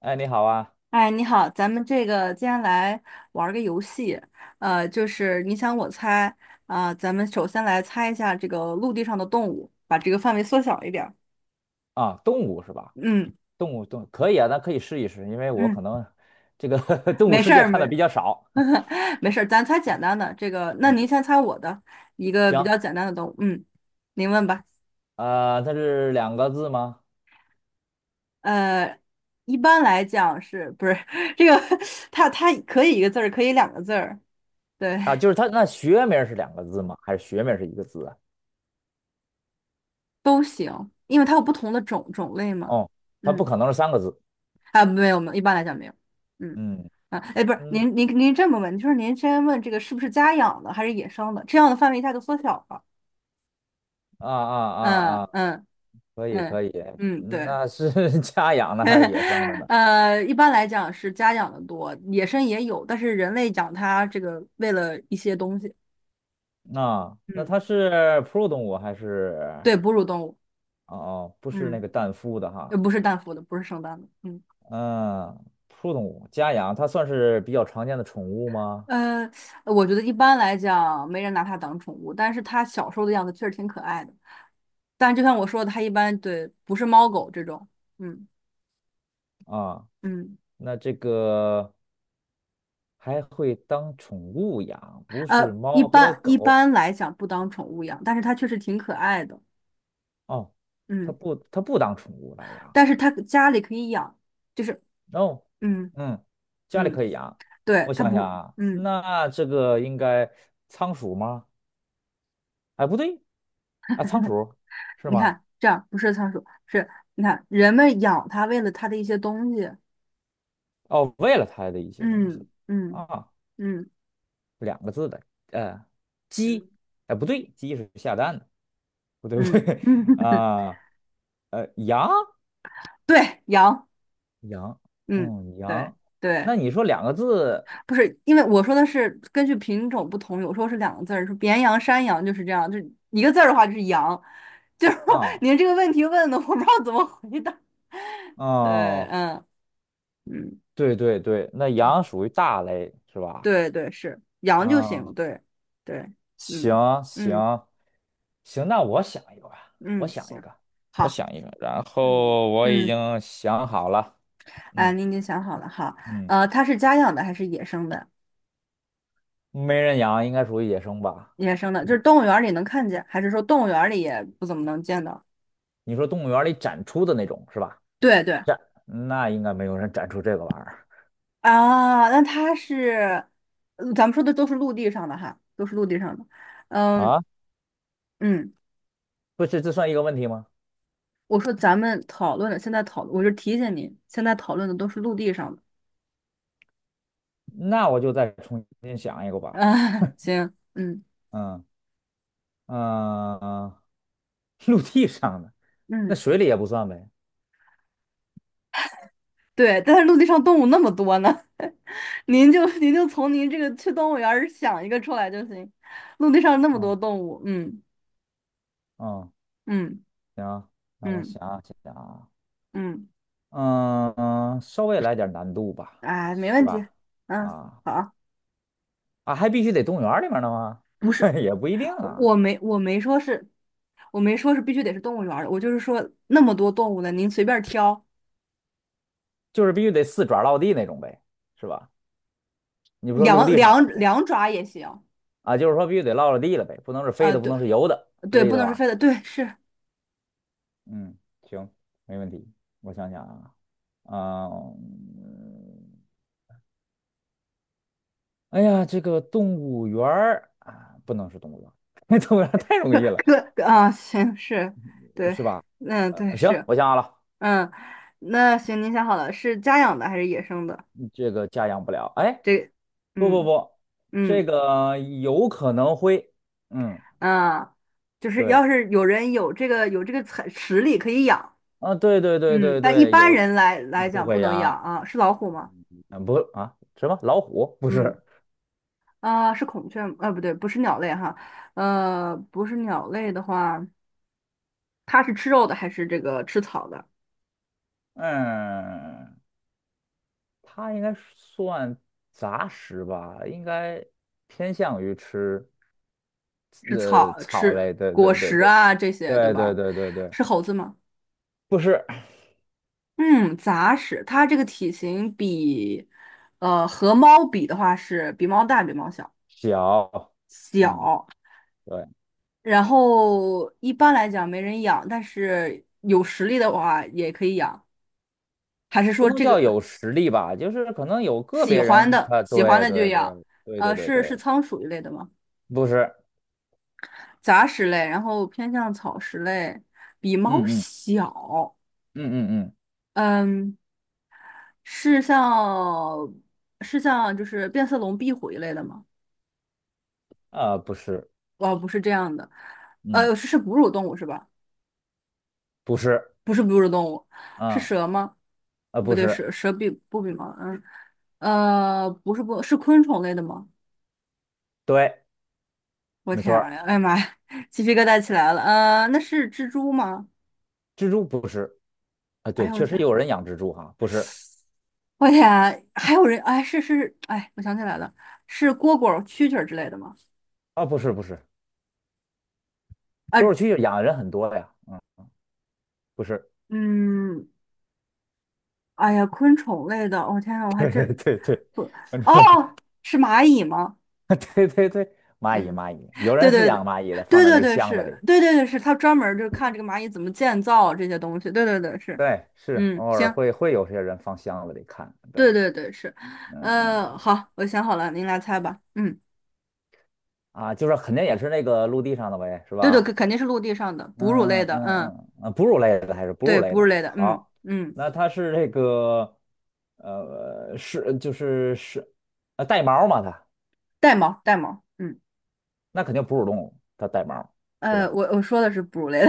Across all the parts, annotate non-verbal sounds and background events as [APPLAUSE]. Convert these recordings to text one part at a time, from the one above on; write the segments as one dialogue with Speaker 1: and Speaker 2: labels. Speaker 1: 哎，你好啊！
Speaker 2: 哎，你好，咱们这个接下来玩儿个游戏，就是你想我猜，啊、咱们首先来猜一下这个陆地上的动物，把这个范围缩小一点儿。
Speaker 1: 啊，动物是吧？
Speaker 2: 嗯
Speaker 1: 动物动物可以啊，那可以试一试，因为我
Speaker 2: 嗯，
Speaker 1: 可能这个 [LAUGHS] 动
Speaker 2: 没
Speaker 1: 物世
Speaker 2: 事
Speaker 1: 界
Speaker 2: 儿，
Speaker 1: 看的
Speaker 2: 没
Speaker 1: 比较少。
Speaker 2: [LAUGHS] 没事儿，咱猜简单的。这个，那您
Speaker 1: 嗯，
Speaker 2: 先猜我的一个比
Speaker 1: 行，
Speaker 2: 较简单的动物。嗯，您问吧。
Speaker 1: 它是两个字吗？
Speaker 2: 呃，一般来讲是不是 [LAUGHS] 这个 [LAUGHS] 它可以一个字儿，可以两个字儿，对，
Speaker 1: 啊，就是它那学名是两个字吗？还是学名是一个字啊？
Speaker 2: 都行，因为它有不同的种类嘛。
Speaker 1: 哦，它不
Speaker 2: 嗯。
Speaker 1: 可能是三个字。
Speaker 2: 啊，没有没有，一般来讲没有。嗯，
Speaker 1: 嗯
Speaker 2: 啊，哎，不是，
Speaker 1: 嗯，
Speaker 2: 您这么问，就是您先问这个是不是家养的还是野生的，这样的范围一下就缩小了。
Speaker 1: 啊啊啊
Speaker 2: 嗯
Speaker 1: 啊，
Speaker 2: 嗯
Speaker 1: 可以
Speaker 2: 嗯
Speaker 1: 可以，
Speaker 2: 嗯，
Speaker 1: 嗯
Speaker 2: 对，
Speaker 1: 那是 [LAUGHS] 家养的还是野生的
Speaker 2: [LAUGHS]
Speaker 1: 呢？
Speaker 2: 一般来讲是家养的多，野生也有，但是人类养它这个为了一些东西，
Speaker 1: 啊，那
Speaker 2: 嗯，
Speaker 1: 它是哺乳动物还是？
Speaker 2: 对，哺乳动物，
Speaker 1: 哦哦，不是那
Speaker 2: 嗯，
Speaker 1: 个蛋孵的哈。
Speaker 2: 不是蛋孵的，不是生蛋的，嗯。
Speaker 1: 嗯，动物家养，它算是比较常见的宠物吗？
Speaker 2: 呃，我觉得一般来讲没人拿它当宠物，但是它小时候的样子确实挺可爱的。但就像我说的，它一般对不是猫狗这种，嗯
Speaker 1: 啊，
Speaker 2: 嗯，
Speaker 1: 那这个还会当宠物养，不是
Speaker 2: 一
Speaker 1: 猫和
Speaker 2: 般一
Speaker 1: 狗
Speaker 2: 般来讲不当宠物养，但是它确实挺可爱的，
Speaker 1: 哦，它
Speaker 2: 嗯，
Speaker 1: 不，它不当宠物来养。
Speaker 2: 但是它家里可以养，就是
Speaker 1: 哦，
Speaker 2: 嗯
Speaker 1: 嗯，家里
Speaker 2: 嗯，
Speaker 1: 可以养。
Speaker 2: 对，
Speaker 1: 我
Speaker 2: 它
Speaker 1: 想想
Speaker 2: 不
Speaker 1: 啊，
Speaker 2: 嗯，
Speaker 1: 那这个应该仓鼠吗？哎，不对，啊，仓鼠是
Speaker 2: 你
Speaker 1: 吗？
Speaker 2: 看这样不是仓鼠，是你看人们养它为了它的一些东西，
Speaker 1: 哦，喂了它的一些东
Speaker 2: 嗯
Speaker 1: 西
Speaker 2: 嗯
Speaker 1: 啊，
Speaker 2: 嗯
Speaker 1: 两个字的，呃，
Speaker 2: 嗯
Speaker 1: 鸡，哎，不对，鸡是下蛋的。不对不
Speaker 2: 嗯，
Speaker 1: 对 [LAUGHS]
Speaker 2: [LAUGHS] 嗯
Speaker 1: 啊，呃，羊
Speaker 2: 对，养。
Speaker 1: 羊，
Speaker 2: 嗯，
Speaker 1: 嗯，
Speaker 2: 对
Speaker 1: 羊。
Speaker 2: 对，
Speaker 1: 那你说两个字
Speaker 2: 不是，因为我说的是根据品种不同，有时候是两个字儿，是绵羊、山羊就是这样，就一个字儿的话就是羊，[LAUGHS] 就是说
Speaker 1: 啊
Speaker 2: 您这个问题问的，我不知道怎么回答。对，
Speaker 1: 哦，
Speaker 2: 嗯嗯
Speaker 1: 对对对，那
Speaker 2: 嗯，
Speaker 1: 羊属于大类是吧？
Speaker 2: 对对是羊就
Speaker 1: 嗯，
Speaker 2: 行，对对，嗯
Speaker 1: 行
Speaker 2: 嗯
Speaker 1: 行行，那我想一个吧，我
Speaker 2: 嗯，
Speaker 1: 想一
Speaker 2: 行，
Speaker 1: 个，我
Speaker 2: 好，
Speaker 1: 想一个，然
Speaker 2: 嗯
Speaker 1: 后我已
Speaker 2: 嗯，
Speaker 1: 经想好了，
Speaker 2: 哎，
Speaker 1: 嗯
Speaker 2: 您已经想好了，好，
Speaker 1: 嗯，
Speaker 2: 它是家养的还是野生的？
Speaker 1: 没人养应该属于野生吧？
Speaker 2: 野生的，就是动物园儿里能看见，还是说动物园儿里也不怎么能见到？
Speaker 1: 你说动物园里展出的那种是吧？
Speaker 2: 对对。
Speaker 1: 展，那应该没有人展出这个玩意儿
Speaker 2: 啊，那它是，呃咱们说的都是陆地上的哈，都是陆地上的。嗯
Speaker 1: 啊？
Speaker 2: 嗯，
Speaker 1: 不是，这算一个问题吗？
Speaker 2: 我说咱们讨论的，现在讨论，我就提醒你，现在讨论的都是陆地上的。
Speaker 1: 那我就再重新想一个吧。
Speaker 2: 啊，[LAUGHS] 行，嗯
Speaker 1: 嗯嗯，[LAUGHS] 陆地上的，那
Speaker 2: 嗯，
Speaker 1: 水里也不算呗。
Speaker 2: 对，但是陆地上动物那么多呢，[LAUGHS] 您就从您这个去动物园儿想一个出来就行。陆地上那么多
Speaker 1: 嗯
Speaker 2: 动物，嗯
Speaker 1: 嗯，
Speaker 2: 嗯
Speaker 1: 行，那我
Speaker 2: 嗯
Speaker 1: 想想啊，
Speaker 2: 嗯，
Speaker 1: 嗯嗯，稍微来点难度吧，
Speaker 2: 哎，没
Speaker 1: 是
Speaker 2: 问题，
Speaker 1: 吧？
Speaker 2: 嗯，
Speaker 1: 啊
Speaker 2: 好，
Speaker 1: 啊，还必须得动物园儿里面的吗？
Speaker 2: 不是。
Speaker 1: [LAUGHS] 也不一定
Speaker 2: 我
Speaker 1: 啊，
Speaker 2: 我没我没说是，我没说是必须得是动物园儿的，我就是说那么多动物呢，您随便挑，
Speaker 1: 就是必须得四爪落地那种呗，是吧？你不说陆
Speaker 2: 两
Speaker 1: 地上的
Speaker 2: 两
Speaker 1: 吗？
Speaker 2: 两爪也行
Speaker 1: 啊，就是说必须得落了地了呗，不能是飞
Speaker 2: 啊，
Speaker 1: 的，不
Speaker 2: 对
Speaker 1: 能是游的，是
Speaker 2: 对，
Speaker 1: 这意
Speaker 2: 不
Speaker 1: 思
Speaker 2: 能是
Speaker 1: 吧？
Speaker 2: 飞的，对是，
Speaker 1: 嗯，行，没问题。我想想啊。啊、嗯哎呀，这个动物园儿啊，不能是动物园儿，[LAUGHS] 动物园儿太容易了，
Speaker 2: 可可啊，行是，对，
Speaker 1: 是吧？
Speaker 2: 嗯对
Speaker 1: 行，
Speaker 2: 是，
Speaker 1: 我想好了，
Speaker 2: 嗯，那行，您想好了，是家养的还是野生的？
Speaker 1: 这个家养不了。哎，
Speaker 2: 这，
Speaker 1: 不不
Speaker 2: 嗯
Speaker 1: 不，这
Speaker 2: 嗯
Speaker 1: 个有可能会，嗯，
Speaker 2: 啊，就是
Speaker 1: 对，
Speaker 2: 要是有人有这个才实力可以养，
Speaker 1: 啊，对对对
Speaker 2: 嗯，
Speaker 1: 对
Speaker 2: 但一
Speaker 1: 对，
Speaker 2: 般
Speaker 1: 有
Speaker 2: 人来来
Speaker 1: 不
Speaker 2: 讲不
Speaker 1: 会
Speaker 2: 能养
Speaker 1: 养，
Speaker 2: 啊，是老虎吗？
Speaker 1: 嗯，不啊，什么老虎不
Speaker 2: 嗯。
Speaker 1: 是，
Speaker 2: 啊，是孔雀吗，不对，不是鸟类哈，不是鸟类的话，它是吃肉的还是这个吃草的？
Speaker 1: 嗯，它应该算杂食吧，应该偏向于吃。
Speaker 2: 是草，
Speaker 1: 草
Speaker 2: 吃
Speaker 1: 类，对
Speaker 2: 果
Speaker 1: 对对
Speaker 2: 实
Speaker 1: 对
Speaker 2: 啊这些，对
Speaker 1: 对对
Speaker 2: 吧？
Speaker 1: 对对对，
Speaker 2: 是猴子吗？
Speaker 1: 不是
Speaker 2: 嗯，杂食，它这个体型比，呃，和猫比的话是比猫大，比猫小，
Speaker 1: 小，嗯，
Speaker 2: 小。
Speaker 1: 对，
Speaker 2: 然后一般来讲没人养，但是有实力的话也可以养，还是
Speaker 1: 不
Speaker 2: 说
Speaker 1: 能
Speaker 2: 这
Speaker 1: 叫
Speaker 2: 个
Speaker 1: 有实力吧，就是可能有个
Speaker 2: 喜
Speaker 1: 别
Speaker 2: 欢
Speaker 1: 人
Speaker 2: 的
Speaker 1: 他，
Speaker 2: 喜欢
Speaker 1: 对
Speaker 2: 的就
Speaker 1: 对对
Speaker 2: 养？
Speaker 1: 对对对
Speaker 2: 是
Speaker 1: 对，
Speaker 2: 仓鼠一类的吗？
Speaker 1: 不是，
Speaker 2: 杂食类，然后偏向草食类，比猫
Speaker 1: 嗯嗯
Speaker 2: 小。
Speaker 1: 嗯嗯嗯，
Speaker 2: 嗯，是像是像就是变色龙、壁虎一类的吗？
Speaker 1: 啊、不是，
Speaker 2: 哦，不是这样的，
Speaker 1: 嗯，
Speaker 2: 是哺乳动物是吧？
Speaker 1: 不是，
Speaker 2: 不是哺乳动物，是
Speaker 1: 啊、
Speaker 2: 蛇吗？
Speaker 1: 啊、
Speaker 2: 不
Speaker 1: 不
Speaker 2: 对，
Speaker 1: 是，
Speaker 2: 蛇比不比猫？嗯，呃，不是不，是昆虫类的吗？
Speaker 1: 对，
Speaker 2: 我
Speaker 1: 没错
Speaker 2: 天啊，
Speaker 1: 儿，
Speaker 2: 哎呀妈呀，鸡皮疙瘩起来了。那是蜘蛛吗？
Speaker 1: 蜘蛛不是，啊、
Speaker 2: 哎
Speaker 1: 对，
Speaker 2: 呦我
Speaker 1: 确实
Speaker 2: 天！
Speaker 1: 有人养蜘蛛哈，不是，
Speaker 2: 我天，还有人哎，我想起来了，是蝈蝈、蛐蛐儿之类的吗？
Speaker 1: 啊、不是不是，
Speaker 2: 啊，
Speaker 1: 多少区养的人很多呀，不是，
Speaker 2: 嗯，哎呀，昆虫类的，我、天呐，
Speaker 1: [LAUGHS]
Speaker 2: 我还
Speaker 1: 对
Speaker 2: 真
Speaker 1: 对对，
Speaker 2: 不
Speaker 1: 反正。
Speaker 2: 哦，是蚂蚁吗？
Speaker 1: [LAUGHS] 对对对，蚂蚁
Speaker 2: 嗯，
Speaker 1: 蚂蚁，有人
Speaker 2: 对
Speaker 1: 是
Speaker 2: 对对
Speaker 1: 养蚂蚁的，放
Speaker 2: 对
Speaker 1: 在那
Speaker 2: 对
Speaker 1: 个
Speaker 2: 对，
Speaker 1: 箱子
Speaker 2: 是，
Speaker 1: 里。
Speaker 2: 对对对是，他专门儿就看这个蚂蚁怎么建造这些东西，对对对是，
Speaker 1: 对，是
Speaker 2: 嗯，
Speaker 1: 偶尔
Speaker 2: 行，
Speaker 1: 会有些人放箱子里看。
Speaker 2: 对
Speaker 1: 对
Speaker 2: 对对是，好，我想好了，您来猜吧，嗯，
Speaker 1: 啊，就是肯定也是那个陆地上的呗，是
Speaker 2: 对对，
Speaker 1: 吧？
Speaker 2: 肯定是陆地上的哺乳
Speaker 1: 嗯
Speaker 2: 类
Speaker 1: 嗯
Speaker 2: 的，嗯，
Speaker 1: 嗯嗯，啊哺乳类的还是哺乳
Speaker 2: 对，
Speaker 1: 类
Speaker 2: 哺乳
Speaker 1: 的。
Speaker 2: 类的，嗯
Speaker 1: 好，
Speaker 2: 嗯，
Speaker 1: 那它是这个就是带毛嘛它，
Speaker 2: 带毛带毛。嗯。
Speaker 1: 那肯定哺乳动物，它带毛，对
Speaker 2: 呃，
Speaker 1: 吧？
Speaker 2: 我我说的是哺乳类的，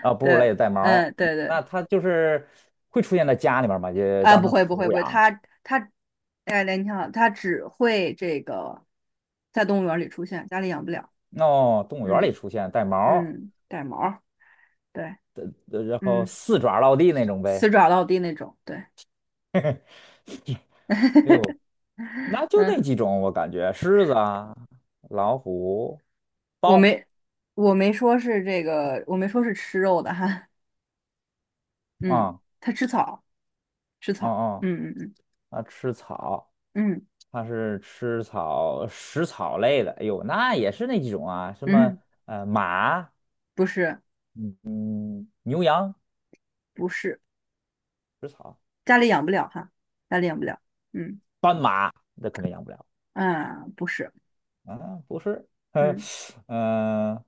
Speaker 1: 啊，哺乳
Speaker 2: 对，
Speaker 1: 类的带
Speaker 2: 嗯，
Speaker 1: 毛，
Speaker 2: 对对，
Speaker 1: 那它就是会出现在家里面嘛，就
Speaker 2: 啊，
Speaker 1: 当
Speaker 2: 不
Speaker 1: 成
Speaker 2: 会不
Speaker 1: 宠
Speaker 2: 会
Speaker 1: 物
Speaker 2: 不会，
Speaker 1: 养。
Speaker 2: 它哎，你好，它只会这个在动物园里出现，家里养不了，
Speaker 1: 哦，动物园里
Speaker 2: 嗯
Speaker 1: 出现带毛儿
Speaker 2: 嗯，带毛儿，对，
Speaker 1: 然后
Speaker 2: 嗯，
Speaker 1: 四爪落地那种
Speaker 2: 死
Speaker 1: 呗。
Speaker 2: 爪到地那种，对，
Speaker 1: 哎呦，那就那
Speaker 2: 嗯，
Speaker 1: 几种，我感觉狮子啊、老虎、
Speaker 2: 我
Speaker 1: 豹，
Speaker 2: 没我没说是这个，我没说是吃肉的哈，嗯，
Speaker 1: 啊
Speaker 2: 它吃草吃
Speaker 1: 嗯，
Speaker 2: 草，
Speaker 1: 啊，
Speaker 2: 嗯嗯
Speaker 1: 它吃草，
Speaker 2: 嗯
Speaker 1: 它是吃草食草类的。哎呦，那也是那几种啊，什
Speaker 2: 嗯
Speaker 1: 么
Speaker 2: 嗯，
Speaker 1: 马，
Speaker 2: 不是
Speaker 1: 嗯嗯，牛羊
Speaker 2: 不是，
Speaker 1: 食草，
Speaker 2: 家里养不了哈，家里养不了，嗯
Speaker 1: 斑马那肯定养不了
Speaker 2: 啊，不是。
Speaker 1: 啊，不是，[LAUGHS] 嗯
Speaker 2: 嗯，
Speaker 1: 嗯，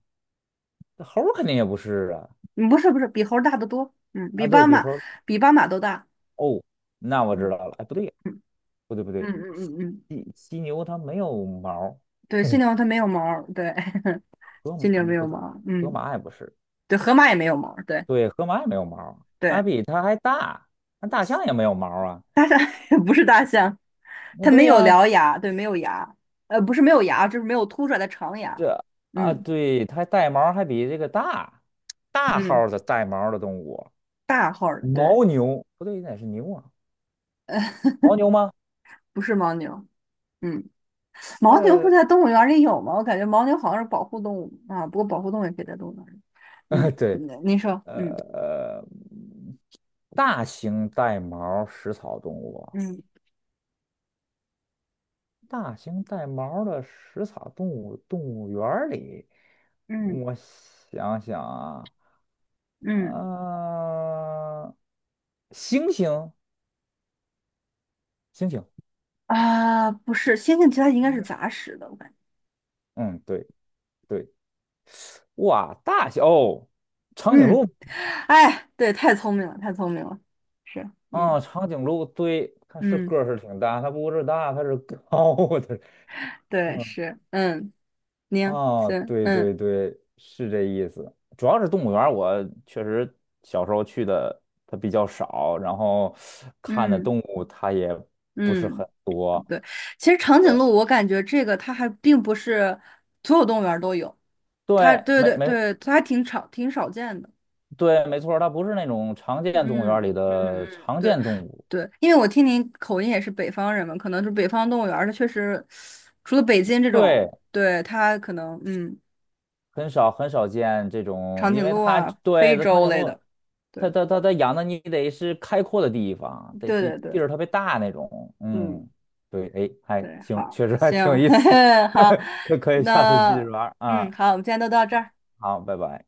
Speaker 1: 猴儿肯定也不是啊，
Speaker 2: 嗯不是不是，比猴儿大得多，嗯，比
Speaker 1: 啊对
Speaker 2: 斑
Speaker 1: 比
Speaker 2: 马
Speaker 1: 猴。
Speaker 2: 比斑马都大，
Speaker 1: 哦，那我知
Speaker 2: 嗯
Speaker 1: 道了。哎，不对，
Speaker 2: 嗯
Speaker 1: 不对，不
Speaker 2: 嗯
Speaker 1: 对，
Speaker 2: 嗯嗯嗯，
Speaker 1: 犀牛它没有毛儿，
Speaker 2: 对，犀
Speaker 1: 嘿，
Speaker 2: 牛它没有毛儿对，[LAUGHS]
Speaker 1: 河马
Speaker 2: 犀牛
Speaker 1: 嗯
Speaker 2: 没
Speaker 1: 不
Speaker 2: 有
Speaker 1: 对，
Speaker 2: 毛儿
Speaker 1: 河
Speaker 2: 嗯，
Speaker 1: 马也不是，
Speaker 2: 对，河马也没有毛儿对
Speaker 1: 对，河马也没有毛儿，
Speaker 2: 对，
Speaker 1: 它比它还大，那大象也没有毛儿啊。
Speaker 2: [LAUGHS] 不是大象，
Speaker 1: 那
Speaker 2: 它没
Speaker 1: 对
Speaker 2: 有
Speaker 1: 呀，
Speaker 2: 獠牙，对，没有牙，不是没有牙，就是没有凸出来的长牙，
Speaker 1: 这啊，
Speaker 2: 嗯
Speaker 1: 对，它带毛儿还比这个大，大号
Speaker 2: 嗯，
Speaker 1: 儿的带毛儿的动物，
Speaker 2: 大号儿的，对，
Speaker 1: 牦牛不对，那是牛啊，牦牛吗？
Speaker 2: 不是牦牛，嗯，牦牛不
Speaker 1: 呃，
Speaker 2: 在动物园儿里有吗？我感觉牦牛好像是保护动物啊，不过保护动物也可以在动物园儿里，嗯，
Speaker 1: [LAUGHS] 对，
Speaker 2: 你说，嗯
Speaker 1: 呃，大型带毛儿食草动物。
Speaker 2: 嗯
Speaker 1: 大型带毛儿的食草动物动物园儿里，
Speaker 2: 嗯
Speaker 1: 我想想啊，
Speaker 2: 嗯。
Speaker 1: 呃，猩猩，猩猩
Speaker 2: 啊，不是，星星其他应该是杂食的，我感觉。
Speaker 1: 嗯，对对，哇，大小哦长颈
Speaker 2: 嗯，
Speaker 1: 鹿
Speaker 2: 哎，对，太聪明了，太聪明了。是，嗯
Speaker 1: 啊，长颈鹿，对，它是个
Speaker 2: 嗯，
Speaker 1: 儿是挺大，它不是大，它是高的，
Speaker 2: 对，
Speaker 1: [LAUGHS]
Speaker 2: 是，嗯，宁，
Speaker 1: 啊，
Speaker 2: 行，
Speaker 1: 对
Speaker 2: 嗯
Speaker 1: 对对，是这意思。主要是动物园，我确实小时候去的它比较少，然后看的
Speaker 2: 嗯
Speaker 1: 动物它也不是
Speaker 2: 嗯，
Speaker 1: 很多。
Speaker 2: 对。其实长颈
Speaker 1: 对
Speaker 2: 鹿，我感觉这个它还并不是所有动物园儿都有，它
Speaker 1: 对，
Speaker 2: 对
Speaker 1: 没
Speaker 2: 对
Speaker 1: 没
Speaker 2: 对，它还挺少见的。
Speaker 1: 对，没错儿它不是那种常见动物园里
Speaker 2: 嗯嗯
Speaker 1: 的
Speaker 2: 嗯，
Speaker 1: 常
Speaker 2: 对
Speaker 1: 见动物。
Speaker 2: 对，因为我听您口音也是北方人嘛，可能是北方动物园儿，它确实除了北京这
Speaker 1: 对，
Speaker 2: 种，对它可能嗯。
Speaker 1: 很少很少见这种，
Speaker 2: 长
Speaker 1: 因
Speaker 2: 颈
Speaker 1: 为
Speaker 2: 鹿
Speaker 1: 它
Speaker 2: 啊、非
Speaker 1: 对它长
Speaker 2: 洲
Speaker 1: 颈
Speaker 2: 类
Speaker 1: 鹿，
Speaker 2: 的。
Speaker 1: 它
Speaker 2: 对，
Speaker 1: 它它它养的你得是开阔的地方，得
Speaker 2: 对
Speaker 1: 得
Speaker 2: 对
Speaker 1: 地
Speaker 2: 对，
Speaker 1: 儿特别大那种，
Speaker 2: 嗯，
Speaker 1: 嗯，对，哎，还
Speaker 2: 对，
Speaker 1: 行，
Speaker 2: 好，
Speaker 1: 确实还挺有
Speaker 2: 行，
Speaker 1: 意思，
Speaker 2: [LAUGHS] 好，
Speaker 1: [LAUGHS] 可以下次继续
Speaker 2: 那
Speaker 1: 玩儿
Speaker 2: 嗯，
Speaker 1: 啊，
Speaker 2: 好，我们今天都到这儿。
Speaker 1: 好，拜拜。